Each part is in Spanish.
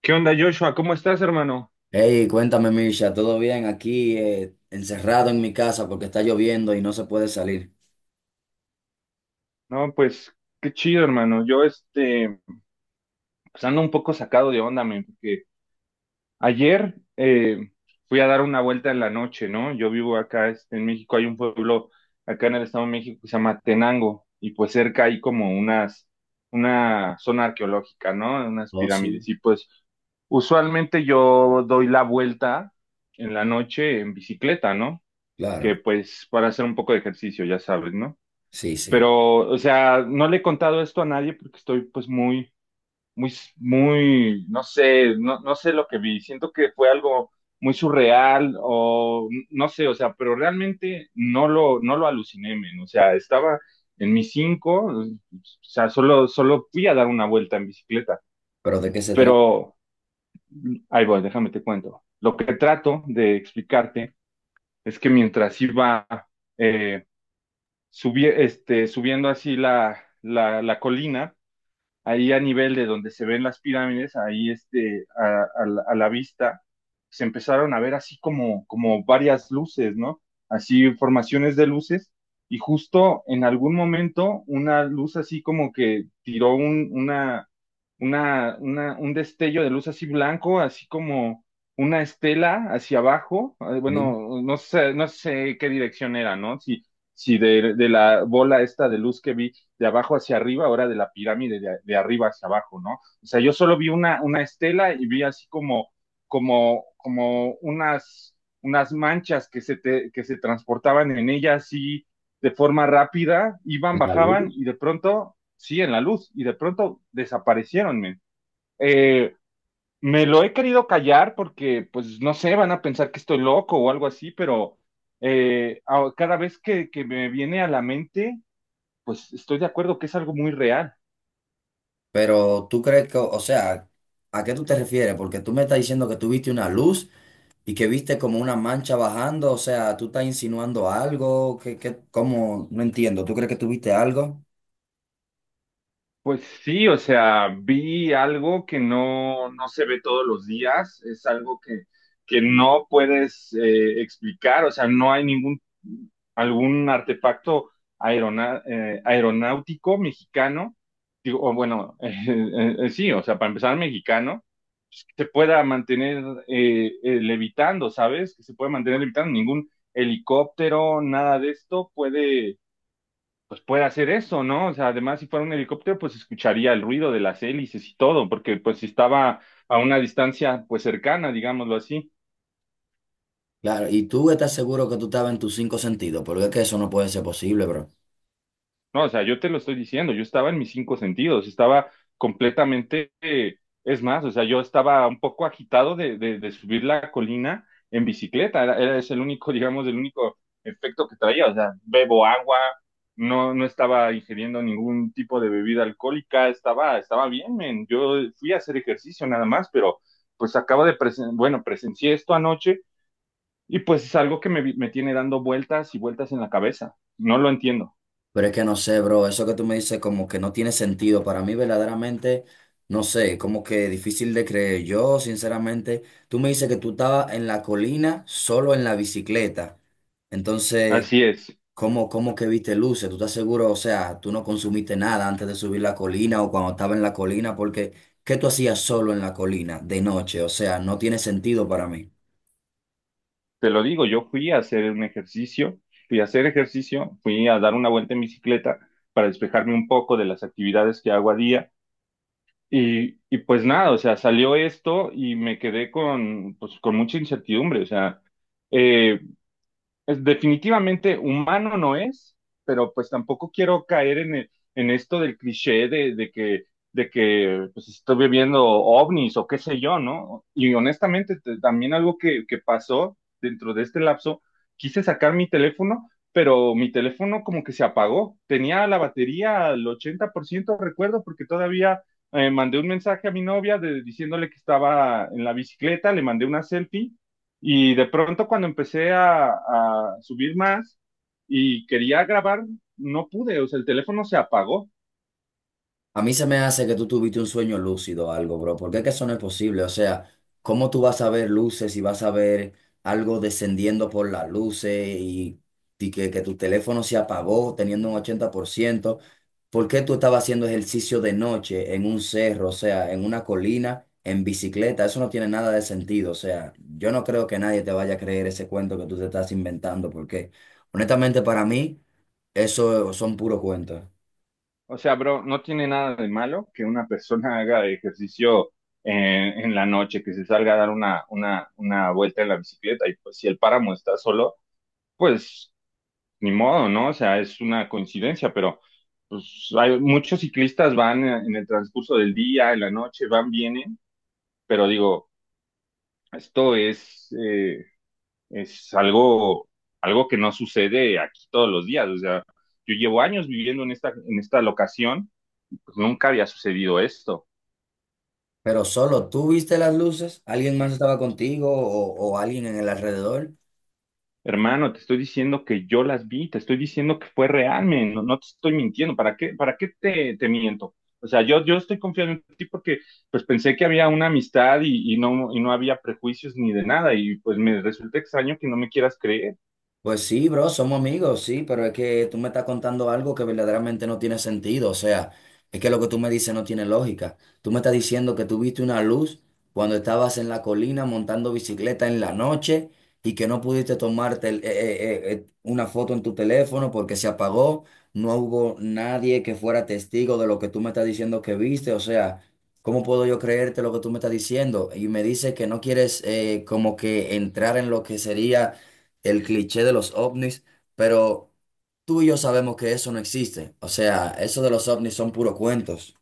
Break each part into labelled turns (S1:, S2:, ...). S1: ¿Qué onda, Joshua? ¿Cómo estás, hermano?
S2: Hey, cuéntame, Misha, ¿todo bien aquí, encerrado en mi casa porque está lloviendo y no se puede salir?
S1: No, pues qué chido, hermano. Yo, pues ando un poco sacado de onda, men, porque ayer fui a dar una vuelta en la noche, ¿no? Yo vivo acá, este, en México, hay un pueblo acá en el Estado de México que se llama Tenango, y pues cerca hay una zona arqueológica, ¿no? Unas
S2: Oh, sí.
S1: pirámides, y pues usualmente yo doy la vuelta en la noche en bicicleta, ¿no? Que
S2: Claro,
S1: pues para hacer un poco de ejercicio, ya sabes, ¿no?
S2: sí, sí.
S1: Pero, o sea, no le he contado esto a nadie porque estoy pues muy, muy, muy, no sé, no sé lo que vi. Siento que fue algo muy surreal o no sé, o sea, pero realmente no lo aluciné, men. O sea, estaba en mis cinco, o sea, solo fui a dar una vuelta en bicicleta.
S2: ¿Pero de qué se trata?
S1: Pero, ahí voy, déjame te cuento. Lo que trato de explicarte es que mientras iba eh, subiendo así la colina, ahí a nivel de donde se ven las pirámides, ahí este, a la vista, se empezaron a ver así como varias luces, ¿no? Así formaciones de luces, y justo en algún momento una luz así como que tiró un, una- un destello de luz así blanco, así como una estela hacia abajo,
S2: ¿Sí?
S1: bueno, no sé, no sé qué dirección era, ¿no? Si, si de la bola esta de luz que vi de abajo hacia arriba, ahora de la pirámide de arriba hacia abajo, ¿no? O sea, yo solo vi una estela y vi así como unas, unas manchas que que se transportaban en ella así de forma rápida, iban,
S2: ¿En la
S1: bajaban
S2: luz?
S1: y de pronto, sí, en la luz, y de pronto desaparecieron, men. Eh, Me lo he querido callar porque, pues, no sé, van a pensar que estoy loco o algo así, pero cada vez que me viene a la mente, pues estoy de acuerdo que es algo muy real.
S2: Pero tú crees que, o sea, ¿a qué tú te refieres? Porque tú me estás diciendo que tú viste una luz y que viste como una mancha bajando, o sea, ¿tú estás insinuando algo? ¿Qué, qué, cómo? No entiendo, ¿tú crees que tú viste algo?
S1: Pues sí, o sea, vi algo que no, no se ve todos los días, es algo que no puedes explicar, o sea, no hay ningún, algún artefacto aeronáutico mexicano, digo, o bueno, sí, o sea, para empezar, mexicano, pues, que se pueda mantener levitando, ¿sabes? Que se pueda mantener levitando, ningún helicóptero, nada de esto puede pues puede hacer eso, ¿no? O sea, además, si fuera un helicóptero, pues escucharía el ruido de las hélices y todo, porque pues si estaba a una distancia, pues cercana, digámoslo así.
S2: Claro, y tú estás seguro que tú estabas en tus cinco sentidos, porque es que eso no puede ser posible, bro.
S1: No, o sea, yo te lo estoy diciendo, yo estaba en mis cinco sentidos, estaba completamente, es más, o sea, yo estaba un poco agitado de subir la colina en bicicleta, es el único, digamos, el único efecto que traía, o sea, bebo agua, no estaba ingiriendo ningún tipo de bebida alcohólica, estaba bien, men. Yo fui a hacer ejercicio nada más, pero pues bueno, presencié esto anoche y pues es algo que me tiene dando vueltas y vueltas en la cabeza, no lo entiendo,
S2: Pero es que no sé, bro, eso que tú me dices como que no tiene sentido. Para mí verdaderamente, no sé, como que difícil de creer. Yo, sinceramente, tú me dices que tú estabas en la colina solo en la bicicleta. Entonces,
S1: así es.
S2: ¿cómo, cómo que viste luces? ¿Tú estás seguro? O sea, tú no consumiste nada antes de subir la colina o cuando estaba en la colina, porque ¿qué tú hacías solo en la colina de noche? O sea, no tiene sentido para mí.
S1: Te lo digo, yo fui a hacer un ejercicio, fui a hacer ejercicio, fui a dar una vuelta en bicicleta para despejarme un poco de las actividades que hago a día y pues nada, o sea, salió esto y me quedé con, pues, con mucha incertidumbre, o sea, eh, es definitivamente humano no es, pero pues tampoco quiero caer en esto del cliché de que pues, estoy viendo ovnis o qué sé yo, ¿no? Y honestamente también algo que pasó dentro de este lapso, quise sacar mi teléfono, pero mi teléfono como que se apagó. Tenía la batería al 80% recuerdo, porque todavía... mandé un mensaje a mi novia diciéndole que estaba en la bicicleta, le mandé una selfie y de pronto cuando empecé a subir más y quería grabar, no pude, o sea, el teléfono se apagó.
S2: A mí se me hace que tú tuviste un sueño lúcido o algo, bro, porque es que eso no es posible. O sea, ¿cómo tú vas a ver luces y vas a ver algo descendiendo por las luces y que tu teléfono se apagó teniendo un 80%? ¿Por ciento? ¿Por qué tú estabas haciendo ejercicio de noche en un cerro, o sea, en una colina, en bicicleta? Eso no tiene nada de sentido. O sea, yo no creo que nadie te vaya a creer ese cuento que tú te estás inventando, porque honestamente para mí eso son puros cuentos.
S1: O sea, bro, no tiene nada de malo que una persona haga ejercicio en la noche, que se salga a dar una vuelta en la bicicleta y pues si el páramo está solo, pues ni modo, ¿no? O sea, es una coincidencia, pero pues hay muchos ciclistas van en el transcurso del día, en la noche, van, vienen, pero digo... Esto es algo, algo que no sucede aquí todos los días. O sea, yo llevo años viviendo en esta locación, pues nunca había sucedido esto.
S2: Pero solo tú viste las luces, alguien más estaba contigo o alguien en el alrededor.
S1: Hermano, te estoy diciendo que yo las vi, te estoy diciendo que fue real, men, no te estoy mintiendo. Para qué te miento? O sea, yo estoy confiando en ti porque pues pensé que había una amistad y no había prejuicios ni de nada y pues me resulta extraño que no me quieras creer.
S2: Pues sí, bro, somos amigos, sí, pero es que tú me estás contando algo que verdaderamente no tiene sentido. O sea, es que lo que tú me dices no tiene lógica. Tú me estás diciendo que tú viste una luz cuando estabas en la colina montando bicicleta en la noche y que no pudiste tomarte una foto en tu teléfono porque se apagó. No hubo nadie que fuera testigo de lo que tú me estás diciendo que viste. O sea, ¿cómo puedo yo creerte lo que tú me estás diciendo? Y me dices que no quieres como que entrar en lo que sería el cliché de los ovnis, pero tú y yo sabemos que eso no existe. O sea, eso de los ovnis son puros cuentos.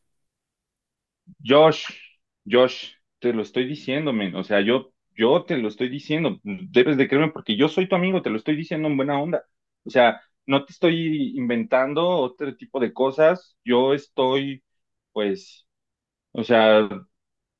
S1: Josh, Josh, te lo estoy diciendo, men. O sea, yo te lo estoy diciendo. Debes de creerme porque yo soy tu amigo, te lo estoy diciendo en buena onda. O sea, no te estoy inventando otro tipo de cosas. Yo estoy, pues, o sea,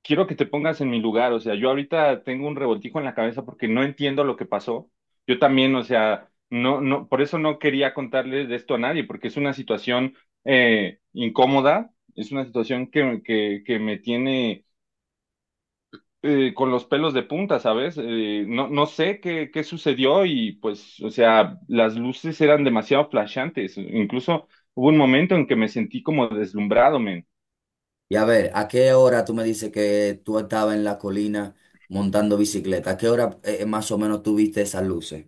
S1: quiero que te pongas en mi lugar, o sea, yo ahorita tengo un revoltijo en la cabeza porque no entiendo lo que pasó. Yo también, o sea, por eso no quería contarles de esto a nadie, porque es una situación incómoda, es una situación que me tiene con los pelos de punta, ¿sabes? No sé qué sucedió y pues, o sea, las luces eran demasiado flashantes, incluso hubo un momento en que me sentí como deslumbrado, men.
S2: Y a ver, ¿a qué hora tú me dices que tú estabas en la colina montando bicicleta? ¿A qué hora más o menos tú viste esas luces?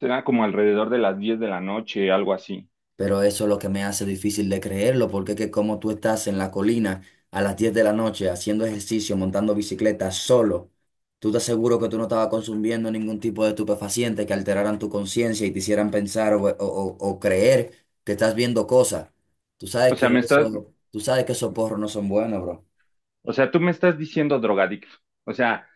S1: Era como alrededor de las 10 de la noche, algo así.
S2: Pero eso es lo que me hace difícil de creerlo, porque es que como tú estás en la colina a las 10 de la noche haciendo ejercicio, montando bicicleta solo, tú te aseguro que tú no estabas consumiendo ningún tipo de estupefaciente que alteraran tu conciencia y te hicieran pensar o, o creer que estás viendo cosas. Tú sabes
S1: O sea,
S2: que
S1: me estás,
S2: eso, tú sabes que esos porros no son buenos, bro.
S1: O sea, tú me estás diciendo drogadicto. O sea,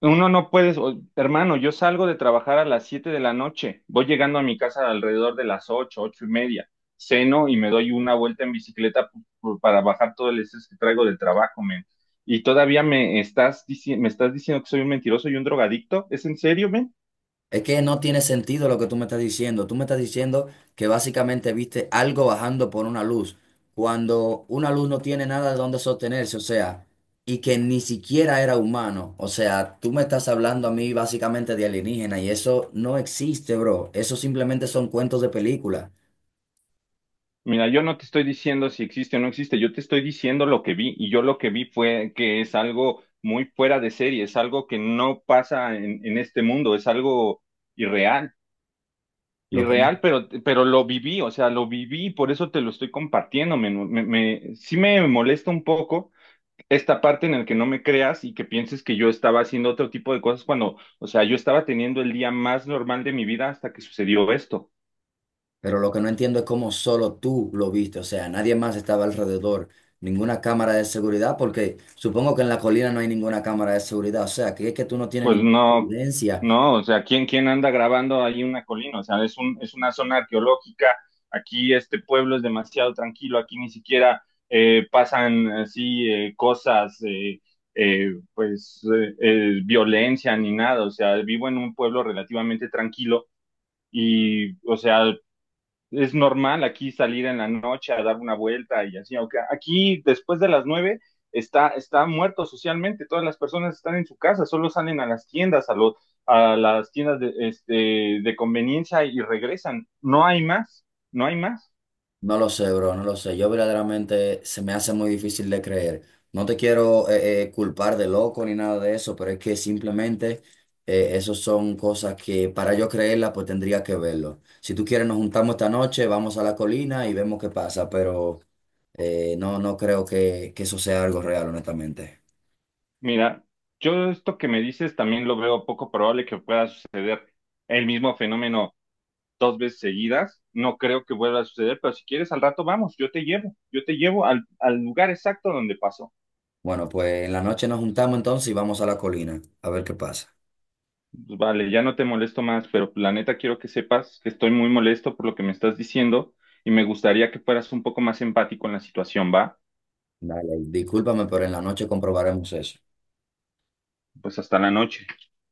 S1: uno no puedes, o- hermano, yo salgo de trabajar a las 7 de la noche, voy llegando a mi casa alrededor de las 8, 8:30, ceno y me doy una vuelta en bicicleta para bajar todo el estrés que traigo del trabajo, men. Y todavía me estás diciendo que soy un mentiroso y un drogadicto. ¿Es en serio, men?
S2: Es que no tiene sentido lo que tú me estás diciendo. Tú me estás diciendo que básicamente viste algo bajando por una luz, cuando una luz no tiene nada de dónde sostenerse, o sea, y que ni siquiera era humano. O sea, tú me estás hablando a mí básicamente de alienígena y eso no existe, bro. Eso simplemente son cuentos de película.
S1: Mira, yo no te estoy diciendo si existe o no existe, yo te estoy diciendo lo que vi y yo lo que vi fue que es algo muy fuera de serie, es algo que no pasa en este mundo, es algo irreal,
S2: Lo que no
S1: irreal, pero lo viví, o sea, lo viví, por eso te lo estoy compartiendo, sí me molesta un poco esta parte en la que no me creas y que pienses que yo estaba haciendo otro tipo de cosas cuando, o sea, yo estaba teniendo el día más normal de mi vida hasta que sucedió esto.
S2: Pero lo que no entiendo es cómo solo tú lo viste, o sea, nadie más estaba alrededor, ninguna cámara de seguridad, porque supongo que en la colina no hay ninguna cámara de seguridad, o sea, que es que tú no tienes
S1: Pues
S2: ninguna
S1: no,
S2: evidencia.
S1: no, o sea, quién anda grabando ahí una colina? O sea, es una zona arqueológica, aquí este pueblo es demasiado tranquilo, aquí ni siquiera pasan así cosas, pues violencia ni nada, o sea, vivo en un pueblo relativamente tranquilo o sea, es normal aquí salir en la noche a dar una vuelta y así, aunque aquí después de las 9 está, está muerto socialmente, todas las personas están en su casa, solo salen a las tiendas, a las tiendas de conveniencia y regresan, no hay más, no hay más.
S2: No lo sé, bro, no lo sé. Yo verdaderamente se me hace muy difícil de creer. No te quiero culpar de loco ni nada de eso, pero es que simplemente esos son cosas que para yo creerlas, pues tendría que verlo. Si tú quieres, nos juntamos esta noche, vamos a la colina y vemos qué pasa, pero no, no creo que eso sea algo real, honestamente.
S1: Mira, yo esto que me dices también lo veo poco probable que pueda suceder el mismo fenómeno dos veces seguidas, no creo que vuelva a suceder, pero si quieres al rato vamos, yo te llevo al lugar exacto donde pasó.
S2: Bueno, pues en la noche nos juntamos entonces y vamos a la colina a ver qué pasa.
S1: Pues vale, ya no te molesto más, pero la neta quiero que sepas que estoy muy molesto por lo que me estás diciendo y me gustaría que fueras un poco más empático en la situación, ¿va?
S2: Dale, discúlpame, pero en la noche comprobaremos eso.
S1: Pues hasta la noche.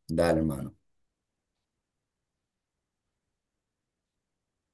S2: Dale, hermano.